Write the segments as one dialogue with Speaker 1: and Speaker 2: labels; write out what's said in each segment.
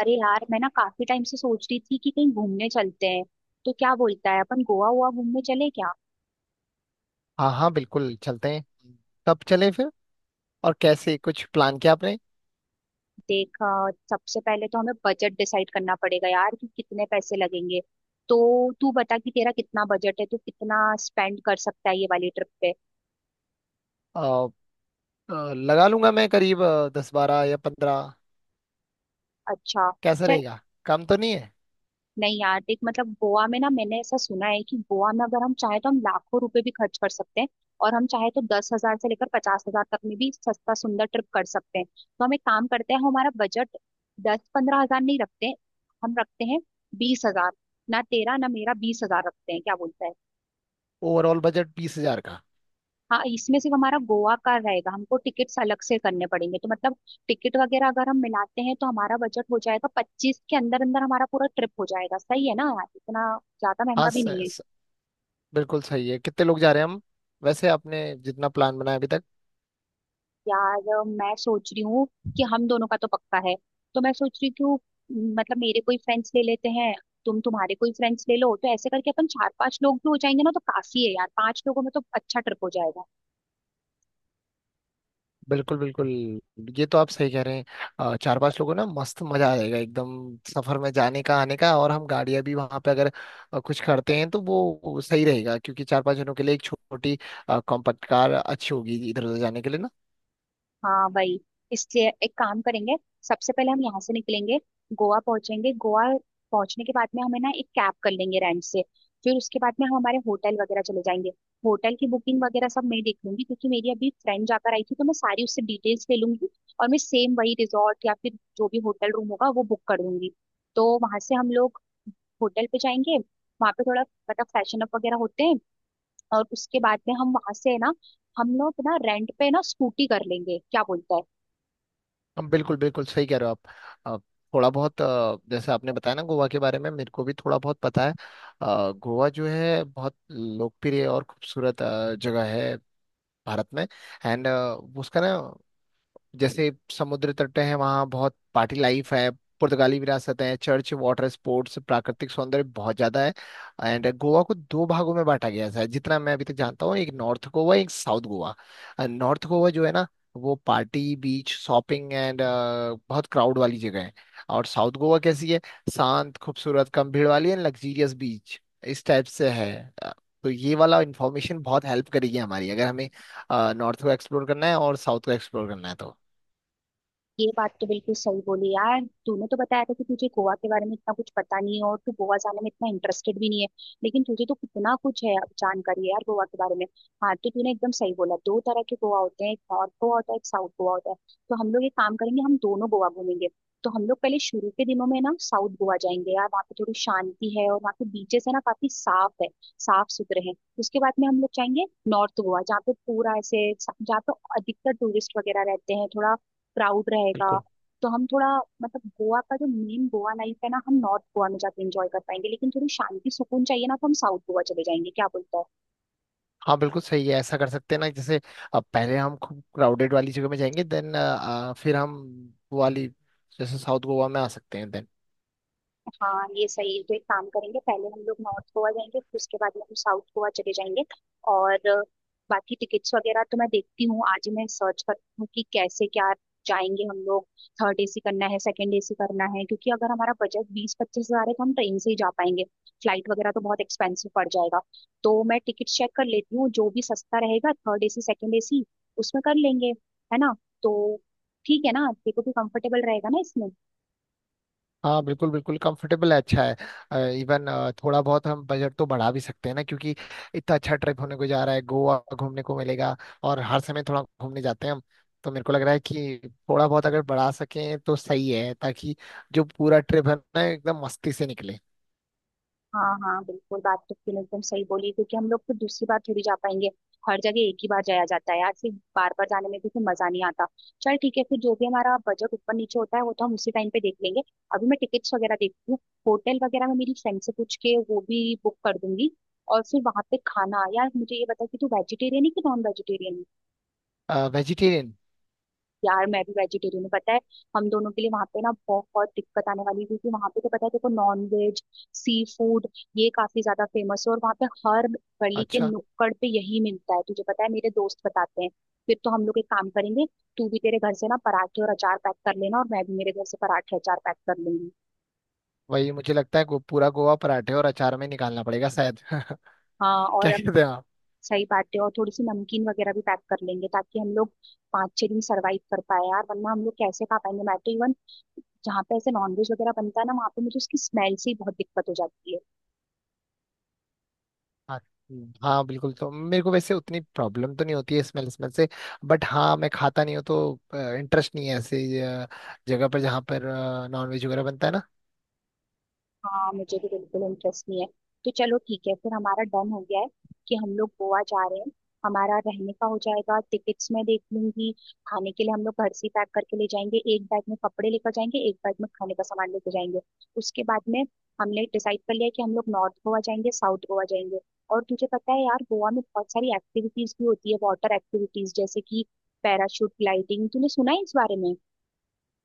Speaker 1: अरे यार, मैं ना काफी टाइम से सोच रही थी कि कहीं घूमने चलते हैं। तो क्या बोलता है, अपन गोवा हुआ घूमने चले क्या?
Speaker 2: हाँ हाँ बिल्कुल चलते हैं। कब चलें फिर। और कैसे कुछ प्लान किया आपने।
Speaker 1: देख, सबसे पहले तो हमें बजट डिसाइड करना पड़ेगा यार, कि कितने पैसे लगेंगे। तो तू बता कि तेरा कितना बजट है, तू कितना स्पेंड कर सकता है ये वाली ट्रिप पे?
Speaker 2: अ, लगा लूंगा मैं करीब 10 12 या 15।
Speaker 1: अच्छा।
Speaker 2: कैसा रहेगा। कम तो नहीं है।
Speaker 1: नहीं यार, देख मतलब गोवा में ना, मैंने ऐसा सुना है कि गोवा में अगर हम चाहे तो हम लाखों रुपए भी खर्च कर सकते हैं। और हम चाहे तो 10,000 से लेकर 50,000 तक में भी सस्ता सुंदर ट्रिप कर सकते हैं। तो हम एक काम करते हैं, हम हमारा बजट 10-15 हज़ार नहीं रखते। हम रखते हैं 20,000। ना तेरा ना मेरा, 20,000 रखते हैं, क्या बोलता है?
Speaker 2: ओवरऑल बजट 20,000 का।
Speaker 1: हाँ, इसमें सिर्फ हमारा गोवा का रहेगा, हमको टिकट्स अलग से करने पड़ेंगे। तो मतलब टिकट वगैरह अगर हम मिलाते हैं तो हमारा बजट हो जाएगा 25 के अंदर अंदर, हमारा पूरा ट्रिप हो जाएगा। सही है ना यार, इतना ज्यादा
Speaker 2: हाँ
Speaker 1: महंगा भी
Speaker 2: स,
Speaker 1: नहीं है।
Speaker 2: स, बिल्कुल सही है। कितने लोग जा रहे हैं हम वैसे आपने जितना प्लान बनाया अभी तक।
Speaker 1: यार मैं सोच रही हूँ कि हम दोनों का तो पक्का है। तो मैं सोच रही हूँ क्यों, मतलब मेरे कोई फ्रेंड्स ले लेते हैं, तुम तुम्हारे कोई फ्रेंड्स ले लो। तो ऐसे करके अपन 4-5 लोग भी हो जाएंगे ना, तो काफी है यार, 5 लोगों में तो अच्छा ट्रिप हो जाएगा।
Speaker 2: बिल्कुल बिल्कुल। ये तो आप सही कह रहे हैं। चार पांच लोगों ना मस्त मजा आ जाएगा एकदम। सफर में जाने का आने का और हम गाड़ियां भी वहां पे अगर कुछ करते हैं तो वो सही रहेगा क्योंकि चार पांच जनों के लिए एक छोटी कॉम्पैक्ट कार अच्छी होगी इधर उधर जाने के लिए ना।
Speaker 1: हाँ वही, इसलिए एक काम करेंगे। सबसे पहले हम यहाँ से निकलेंगे, गोवा पहुंचेंगे। गोवा पहुंचने के बाद में हमें ना एक कैब कर लेंगे रेंट से। फिर उसके बाद में हम हमारे होटल वगैरह चले जाएंगे। होटल की बुकिंग वगैरह सब मैं देख लूंगी, क्योंकि मेरी अभी फ्रेंड जाकर आई थी, तो मैं सारी उससे डिटेल्स ले लूंगी। और मैं सेम वही रिजॉर्ट या फिर जो भी होटल रूम होगा वो बुक कर दूंगी। तो वहां से हम लोग होटल पे जाएंगे, वहां पे थोड़ा मतलब फैशन अप वगैरह होते हैं। और उसके बाद में हम वहां से है ना, हम लोग ना रेंट पे ना स्कूटी कर लेंगे, क्या बोलता है?
Speaker 2: हम बिल्कुल बिल्कुल सही कह रहे हो आप। अ, थोड़ा बहुत जैसे आपने बताया ना गोवा के बारे में मेरे को भी थोड़ा बहुत पता है। गोवा जो है बहुत लोकप्रिय और खूबसूरत जगह है भारत में। एंड उसका ना जैसे समुद्र तट है वहाँ बहुत पार्टी लाइफ है। पुर्तगाली विरासतें हैं चर्च वाटर स्पोर्ट्स प्राकृतिक सौंदर्य बहुत ज्यादा है। एंड गोवा को दो भागों में बांटा गया है जितना मैं अभी तक जानता हूँ एक नॉर्थ गोवा एक साउथ गोवा। नॉर्थ गोवा जो है ना वो पार्टी बीच शॉपिंग एंड बहुत क्राउड वाली जगह है। और साउथ गोवा कैसी है। शांत खूबसूरत कम भीड़ वाली एंड लग्जीरियस बीच इस टाइप से है। अ, तो ये वाला इंफॉर्मेशन बहुत हेल्प करेगी हमारी अगर हमें नॉर्थ को एक्सप्लोर करना है और साउथ को एक्सप्लोर करना है तो।
Speaker 1: ये बात तो बिल्कुल सही बोली यार। तूने तो बताया था कि तुझे गोवा के बारे में इतना कुछ पता नहीं है, और तू गोवा जाने में इतना इंटरेस्टेड भी नहीं है। लेकिन तुझे तो कितना कुछ है अब जानकारी यार गोवा के बारे में। हाँ, तो तूने एकदम सही बोला, दो तरह के गोवा होते हैं, एक नॉर्थ गोवा होता है, एक साउथ गोवा होता है। तो हम लोग एक काम करेंगे, हम दोनों गोवा घूमेंगे। तो हम लोग पहले शुरू के दिनों में ना साउथ गोवा जाएंगे यार, वहाँ पे थोड़ी शांति है और वहाँ के बीचेस है ना काफी साफ है, साफ सुथरे हैं। उसके बाद में हम लोग जाएंगे नॉर्थ गोवा, जहाँ पे पूरा ऐसे जहाँ पे अधिकतर टूरिस्ट वगैरह रहते हैं, थोड़ा क्राउड रहेगा।
Speaker 2: बिल्कुल।
Speaker 1: तो हम थोड़ा मतलब गोवा का जो मेन गोवा लाइफ है ना हम नॉर्थ गोवा में जाके एंजॉय कर पाएंगे, लेकिन थोड़ी शांति सुकून चाहिए ना तो हम साउथ गोवा चले जाएंगे, क्या बोलते हो?
Speaker 2: हाँ बिल्कुल सही है ऐसा कर सकते हैं ना जैसे अब पहले हम खूब क्राउडेड वाली जगह में जाएंगे देन फिर हम वो वाली जैसे साउथ गोवा में आ सकते हैं देन।
Speaker 1: हाँ ये सही है, तो एक काम करेंगे, पहले हम लोग नॉर्थ गोवा जाएंगे, फिर उसके बाद में हम साउथ गोवा चले जाएंगे। और बाकी टिकट्स वगैरह तो मैं देखती हूँ, आज ही मैं सर्च करती हूँ कि कैसे क्या जाएंगे हम लोग। थर्ड एसी करना है सेकंड एसी करना है, क्योंकि अगर हमारा बजट 20-25 हज़ार है तो हम ट्रेन से ही जा पाएंगे। फ्लाइट वगैरह तो बहुत एक्सपेंसिव पड़ जाएगा। तो मैं टिकट चेक कर लेती हूँ, जो भी सस्ता रहेगा थर्ड एसी सेकंड एसी उसमें कर लेंगे, है ना? तो ठीक है ना, तेरे को भी कंफर्टेबल रहेगा ना इसमें?
Speaker 2: हाँ बिल्कुल बिल्कुल कंफर्टेबल है अच्छा है इवन थोड़ा बहुत हम बजट तो बढ़ा भी सकते हैं ना क्योंकि इतना अच्छा ट्रिप होने को जा रहा है गोवा घूमने को मिलेगा। और हर समय थोड़ा घूमने जाते हैं हम तो मेरे को लग रहा है कि थोड़ा बहुत अगर बढ़ा सकें तो सही है ताकि जो पूरा ट्रिप है ना एकदम मस्ती से निकले।
Speaker 1: हाँ हाँ बिल्कुल, बात तो तुम एकदम सही बोली, क्योंकि हम लोग फिर दूसरी बार थोड़ी जा पाएंगे। हर जगह एक ही बार जाया जाता है यार, फिर बार बार जाने में भी फिर मजा नहीं आता। चल ठीक है, फिर जो भी हमारा बजट ऊपर नीचे होता है वो तो हम उसी टाइम पे देख लेंगे। अभी मैं टिकट्स वगैरह देखती हूँ। होटल वगैरह मैं मेरी फ्रेंड से पूछ के वो भी बुक कर दूंगी। और फिर वहां पे खाना, यार मुझे ये बता कि तू वेजिटेरियन है कि नॉन वेजिटेरियन?
Speaker 2: वेजिटेरियन।
Speaker 1: यार मैं भी वेजिटेरियन हूँ पता है। हम दोनों के लिए वहां पे ना बहुत दिक्कत आने वाली है, क्योंकि वहां पे तो पता है देखो, नॉन वेज सी फूड ये काफी ज्यादा फेमस है, और वहां पे हर गली के
Speaker 2: अच्छा
Speaker 1: नुक्कड़ पे यही मिलता है, तुझे पता है मेरे दोस्त बताते हैं। फिर तो हम लोग एक काम करेंगे, तू भी तेरे घर से ना पराठे और अचार पैक कर लेना और मैं भी मेरे घर से पराठे अचार पैक कर लूंगी।
Speaker 2: वही मुझे लगता है पूरा गोवा पराठे और अचार में निकालना पड़ेगा शायद क्या
Speaker 1: हाँ और हम
Speaker 2: कहते हैं आप।
Speaker 1: सही बात है, और थोड़ी सी नमकीन वगैरह भी पैक कर लेंगे ताकि हम लोग 5-6 दिन सरवाइव कर पाए यार, वरना हम लोग कैसे खा पाएंगे। मैं तो इवन जहाँ पे ऐसे नॉनवेज वगैरह बनता है ना वहाँ पे मुझे उसकी स्मेल से ही बहुत दिक्कत हो जाती है।
Speaker 2: हाँ हाँ, बिल्कुल तो मेरे को वैसे उतनी प्रॉब्लम तो नहीं होती है स्मेल स्मेल से। बट हाँ मैं खाता नहीं हूँ तो इंटरेस्ट नहीं है ऐसे जगह पर जहाँ पर नॉनवेज वगैरह बनता है ना।
Speaker 1: हाँ मुझे भी बिल्कुल इंटरेस्ट नहीं है। तो चलो ठीक है, फिर हमारा डन हो गया है कि हम लोग गोवा जा रहे हैं। हमारा रहने का हो जाएगा, टिकट्स मैं देख लूंगी। खाने के लिए हम लोग घर से पैक करके ले जाएंगे, एक बैग में कपड़े लेकर जाएंगे, एक बैग में खाने का सामान लेकर जाएंगे। उसके बाद में हमने डिसाइड कर लिया कि हम लोग नॉर्थ गोवा जाएंगे साउथ गोवा जाएंगे। और तुझे पता है यार, गोवा में बहुत सारी एक्टिविटीज भी होती है, वाटर एक्टिविटीज, जैसे कि पैराशूट ग्लाइडिंग, तूने सुना है इस बारे में?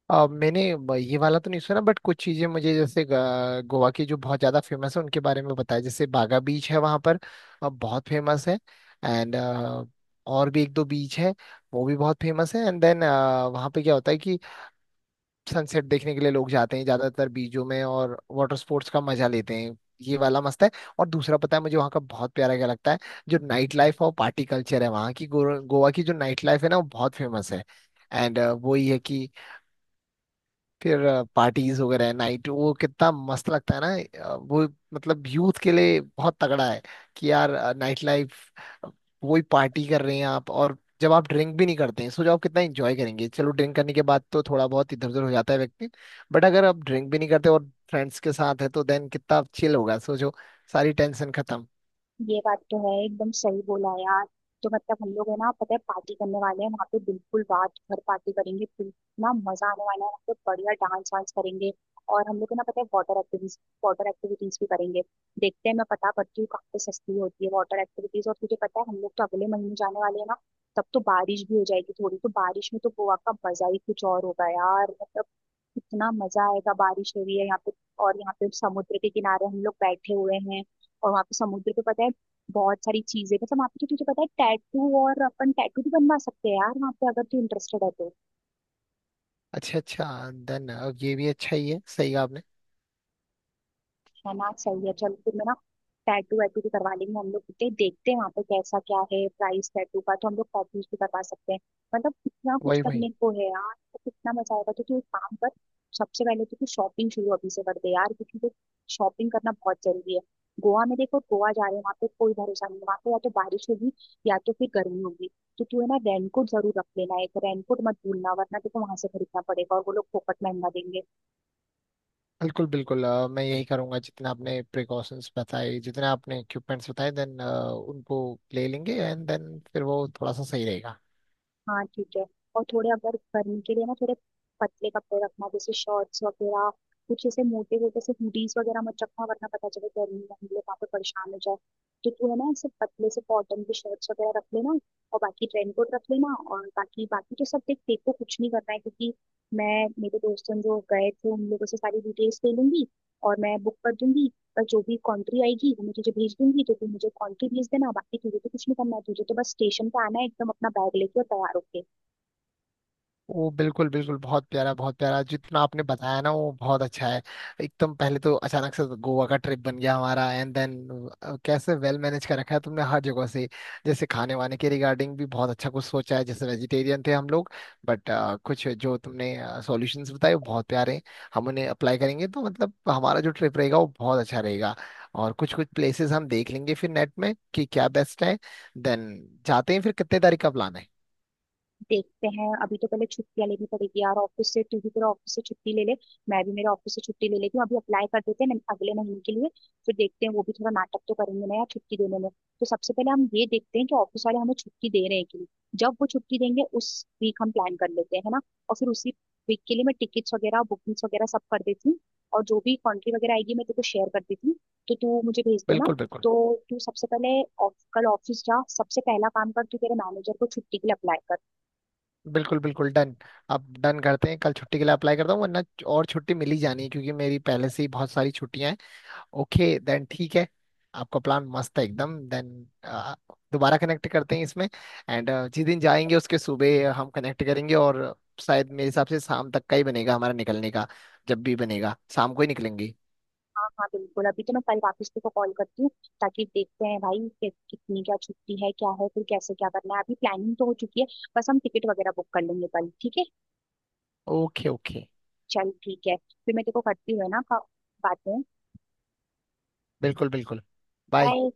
Speaker 2: मैंने ये वाला तो नहीं सुना बट कुछ चीजें मुझे जैसे गोवा की जो बहुत ज्यादा फेमस है उनके बारे में बताया जैसे बागा बीच है वहाँ पर। बहुत फेमस है। एंड और भी एक दो बीच है वो भी बहुत फेमस है एंड देन वहाँ पे क्या होता है सनसेट देखने के लिए लोग जाते हैं ज्यादातर बीचों में और वाटर स्पोर्ट्स का मजा लेते हैं। ये वाला मस्त है। और दूसरा पता है मुझे वहाँ का बहुत प्यारा क्या लगता है जो नाइट लाइफ और पार्टी कल्चर है वहाँ की गोवा की जो नाइट लाइफ है ना वो बहुत फेमस है। एंड वो ये है कि फिर पार्टीज वगैरह है नाइट वो कितना मस्त लगता है ना। वो मतलब यूथ के लिए बहुत तगड़ा है कि यार नाइट लाइफ वही पार्टी कर रहे हैं आप और जब आप ड्रिंक भी नहीं करते हैं सोचो आप कितना एंजॉय करेंगे। चलो ड्रिंक करने के बाद तो थोड़ा बहुत इधर उधर हो जाता है व्यक्ति। बट अगर आप ड्रिंक भी नहीं करते और फ्रेंड्स के साथ है तो देन कितना चिल होगा सोचो। सारी टेंशन खत्म।
Speaker 1: ये बात तो है, एकदम सही बोला यार। तो मतलब हम लोग है ना पता है पार्टी करने वाले हैं वहाँ पे, बिल्कुल रात भर पार्टी करेंगे फिर ना, मजा आने वाला है वहाँ पे, बढ़िया डांस वांस करेंगे। और हम लोग है ना पता है वाटर एक्टिविटीज, वाटर एक्टिविटीज भी करेंगे। देखते हैं, मैं पता करती हूँ कहाँ पे सस्ती होती है वाटर एक्टिविटीज। और तुझे पता है, हम लोग तो अगले महीने जाने वाले हैं ना, तब तो बारिश भी हो जाएगी थोड़ी, तो बारिश में तो गोवा का मजा ही कुछ और होगा यार। इतना मजा आएगा, बारिश हो रही है यहाँ पे, और यहाँ पे समुद्र के किनारे हम लोग बैठे हुए हैं। और वहाँ पे समुद्र पे पता है बहुत सारी चीजें मतलब वहाँ पे, तो तुझे पता है टैटू, और अपन टैटू भी बनवा सकते हैं यार वहाँ पे अगर तू इंटरेस्टेड है तो।
Speaker 2: अच्छा अच्छा देन अब ये भी अच्छा ही है सही कहा आपने।
Speaker 1: चला सही है, चल फिर मैं ना टैटू वैटू भी करवा लेंगे हम लोग, कितने देखते हैं वहाँ पे कैसा क्या है प्राइस टैटू का, तो हम लोग कॉपीज भी करवा सकते हैं। मतलब कितना कुछ
Speaker 2: वही वही
Speaker 1: करने को है यार, तो कितना मजा आएगा। तो तू एक काम कर, सबसे पहले तो तू शॉपिंग शुरू अभी से कर दे यार, क्योंकि तो शॉपिंग करना बहुत जरूरी है। गोवा में देखो, गोवा जा रहे हैं, वहाँ पे कोई भरोसा नहीं है। वहाँ पे या तो बारिश होगी या तो फिर गर्मी होगी। तो तू है ना रेनकोट जरूर रख लेना, एक रेनकोट मत भूलना, वरना देखो वहां से खरीदना पड़ेगा और वो लोग फोकट महंगा देंगे।
Speaker 2: बिल्कुल बिल्कुल मैं यही करूंगा जितना आपने प्रिकॉशंस बताए जितने आपने इक्विपमेंट्स बताए देन उनको ले लेंगे एंड देन फिर वो थोड़ा सा सही रहेगा।
Speaker 1: हाँ ठीक है। और थोड़े अगर गर्मी के लिए ना थोड़े पतले कपड़े रखना, जैसे शॉर्ट्स वगैरह। कुछ ऐसे मोटे मोटे से हुडीज वगैरह मत रखना, वरना पता चले गर्मी में हम लोग वहाँ पे परेशान हो जाए। तो तू है ना ऐसे पतले से कॉटन की शर्ट्स वगैरह रख लेना। और बाकी रेन कोट रख लेना। और बाकी बाकी तो सब देख, देखो कुछ नहीं करना है, क्योंकि मैं मेरे दोस्तों जो गए थे उन लोगों से सारी डिटेल्स ले लूंगी और मैं बुक कर दूंगी। और जो भी कंट्री आएगी वो मैं तुझे भेज दूंगी, तो तू मुझे कंट्री भेज देना। बाकी तुझे तो कुछ नहीं करना है, तुझे तो बस स्टेशन पे आना है एकदम, अपना बैग लेके और तैयार होके।
Speaker 2: वो बिल्कुल बिल्कुल बहुत प्यारा जितना आपने बताया ना वो बहुत अच्छा है। एकदम पहले तो अचानक से गोवा का ट्रिप बन गया हमारा एंड देन कैसे वेल मैनेज कर रखा है तुमने हर जगह से। जैसे खाने वाने के रिगार्डिंग भी बहुत अच्छा कुछ सोचा है जैसे वेजिटेरियन थे हम लोग बट कुछ जो तुमने सॉल्यूशंस बताए वो बहुत प्यारे हैं। हम उन्हें अप्लाई करेंगे तो मतलब हमारा जो ट्रिप रहेगा वो बहुत अच्छा रहेगा। और कुछ कुछ प्लेसेस हम देख लेंगे फिर नेट में कि क्या बेस्ट है देन जाते हैं फिर कितने तारीख का प्लान है।
Speaker 1: देखते हैं, अभी तो पहले छुट्टियां लेनी पड़ेगी यार ऑफिस से, तू भी तेरा ऑफिस से छुट्टी ले ले, मैं भी मेरे ऑफिस से छुट्टी ले लेती हूँ। अभी अप्लाई कर देते हैं अगले महीने के लिए। फिर देखते हैं, वो भी थोड़ा नाटक तो करेंगे ना यार छुट्टी देने में। तो सबसे पहले हम ये देखते हैं कि ऑफिस वाले हमें छुट्टी दे रहे हैं कि नहीं। जब वो छुट्टी देंगे उस वीक हम प्लान कर लेते हैं, है ना? और फिर उसी वीक के लिए मैं टिकट्स वगैरह बुकिंग्स वगैरह सब कर देती हूँ। और जो भी कंट्री वगैरह आएगी मैं तेरे को शेयर कर देती हूँ, तो तू मुझे भेज देना।
Speaker 2: बिल्कुल बिल्कुल
Speaker 1: तो तू सबसे पहले कल ऑफिस जा, सबसे पहला काम कर, तू तेरे मैनेजर को छुट्टी के लिए अप्लाई कर।
Speaker 2: बिल्कुल बिल्कुल डन। आप डन करते हैं कल छुट्टी के लिए अप्लाई करता हूँ वरना और छुट्टी मिल ही जानी है क्योंकि मेरी पहले से ही बहुत सारी छुट्टियां हैं। ओके देन ठीक है आपका प्लान मस्त है एकदम देन दोबारा कनेक्ट करते हैं इसमें। एंड जिस दिन जाएंगे उसके सुबह हम कनेक्ट करेंगे और शायद मेरे हिसाब से शाम तक का ही बनेगा हमारा निकलने का। जब भी बनेगा शाम को ही निकलेंगे।
Speaker 1: हाँ हाँ बिल्कुल, अभी तो मैं कल वापस को कॉल करती हूँ ताकि देखते हैं भाई कि कितनी क्या छुट्टी है क्या है, फिर कैसे क्या करना है। अभी प्लानिंग तो हो चुकी है, बस हम टिकट वगैरह बुक कर लेंगे कल, ठीक है?
Speaker 2: ओके ओके
Speaker 1: चल ठीक है, फिर मैं तेरे को करती हूँ, है ना बातें।
Speaker 2: बिल्कुल बिल्कुल बाय।
Speaker 1: बाय।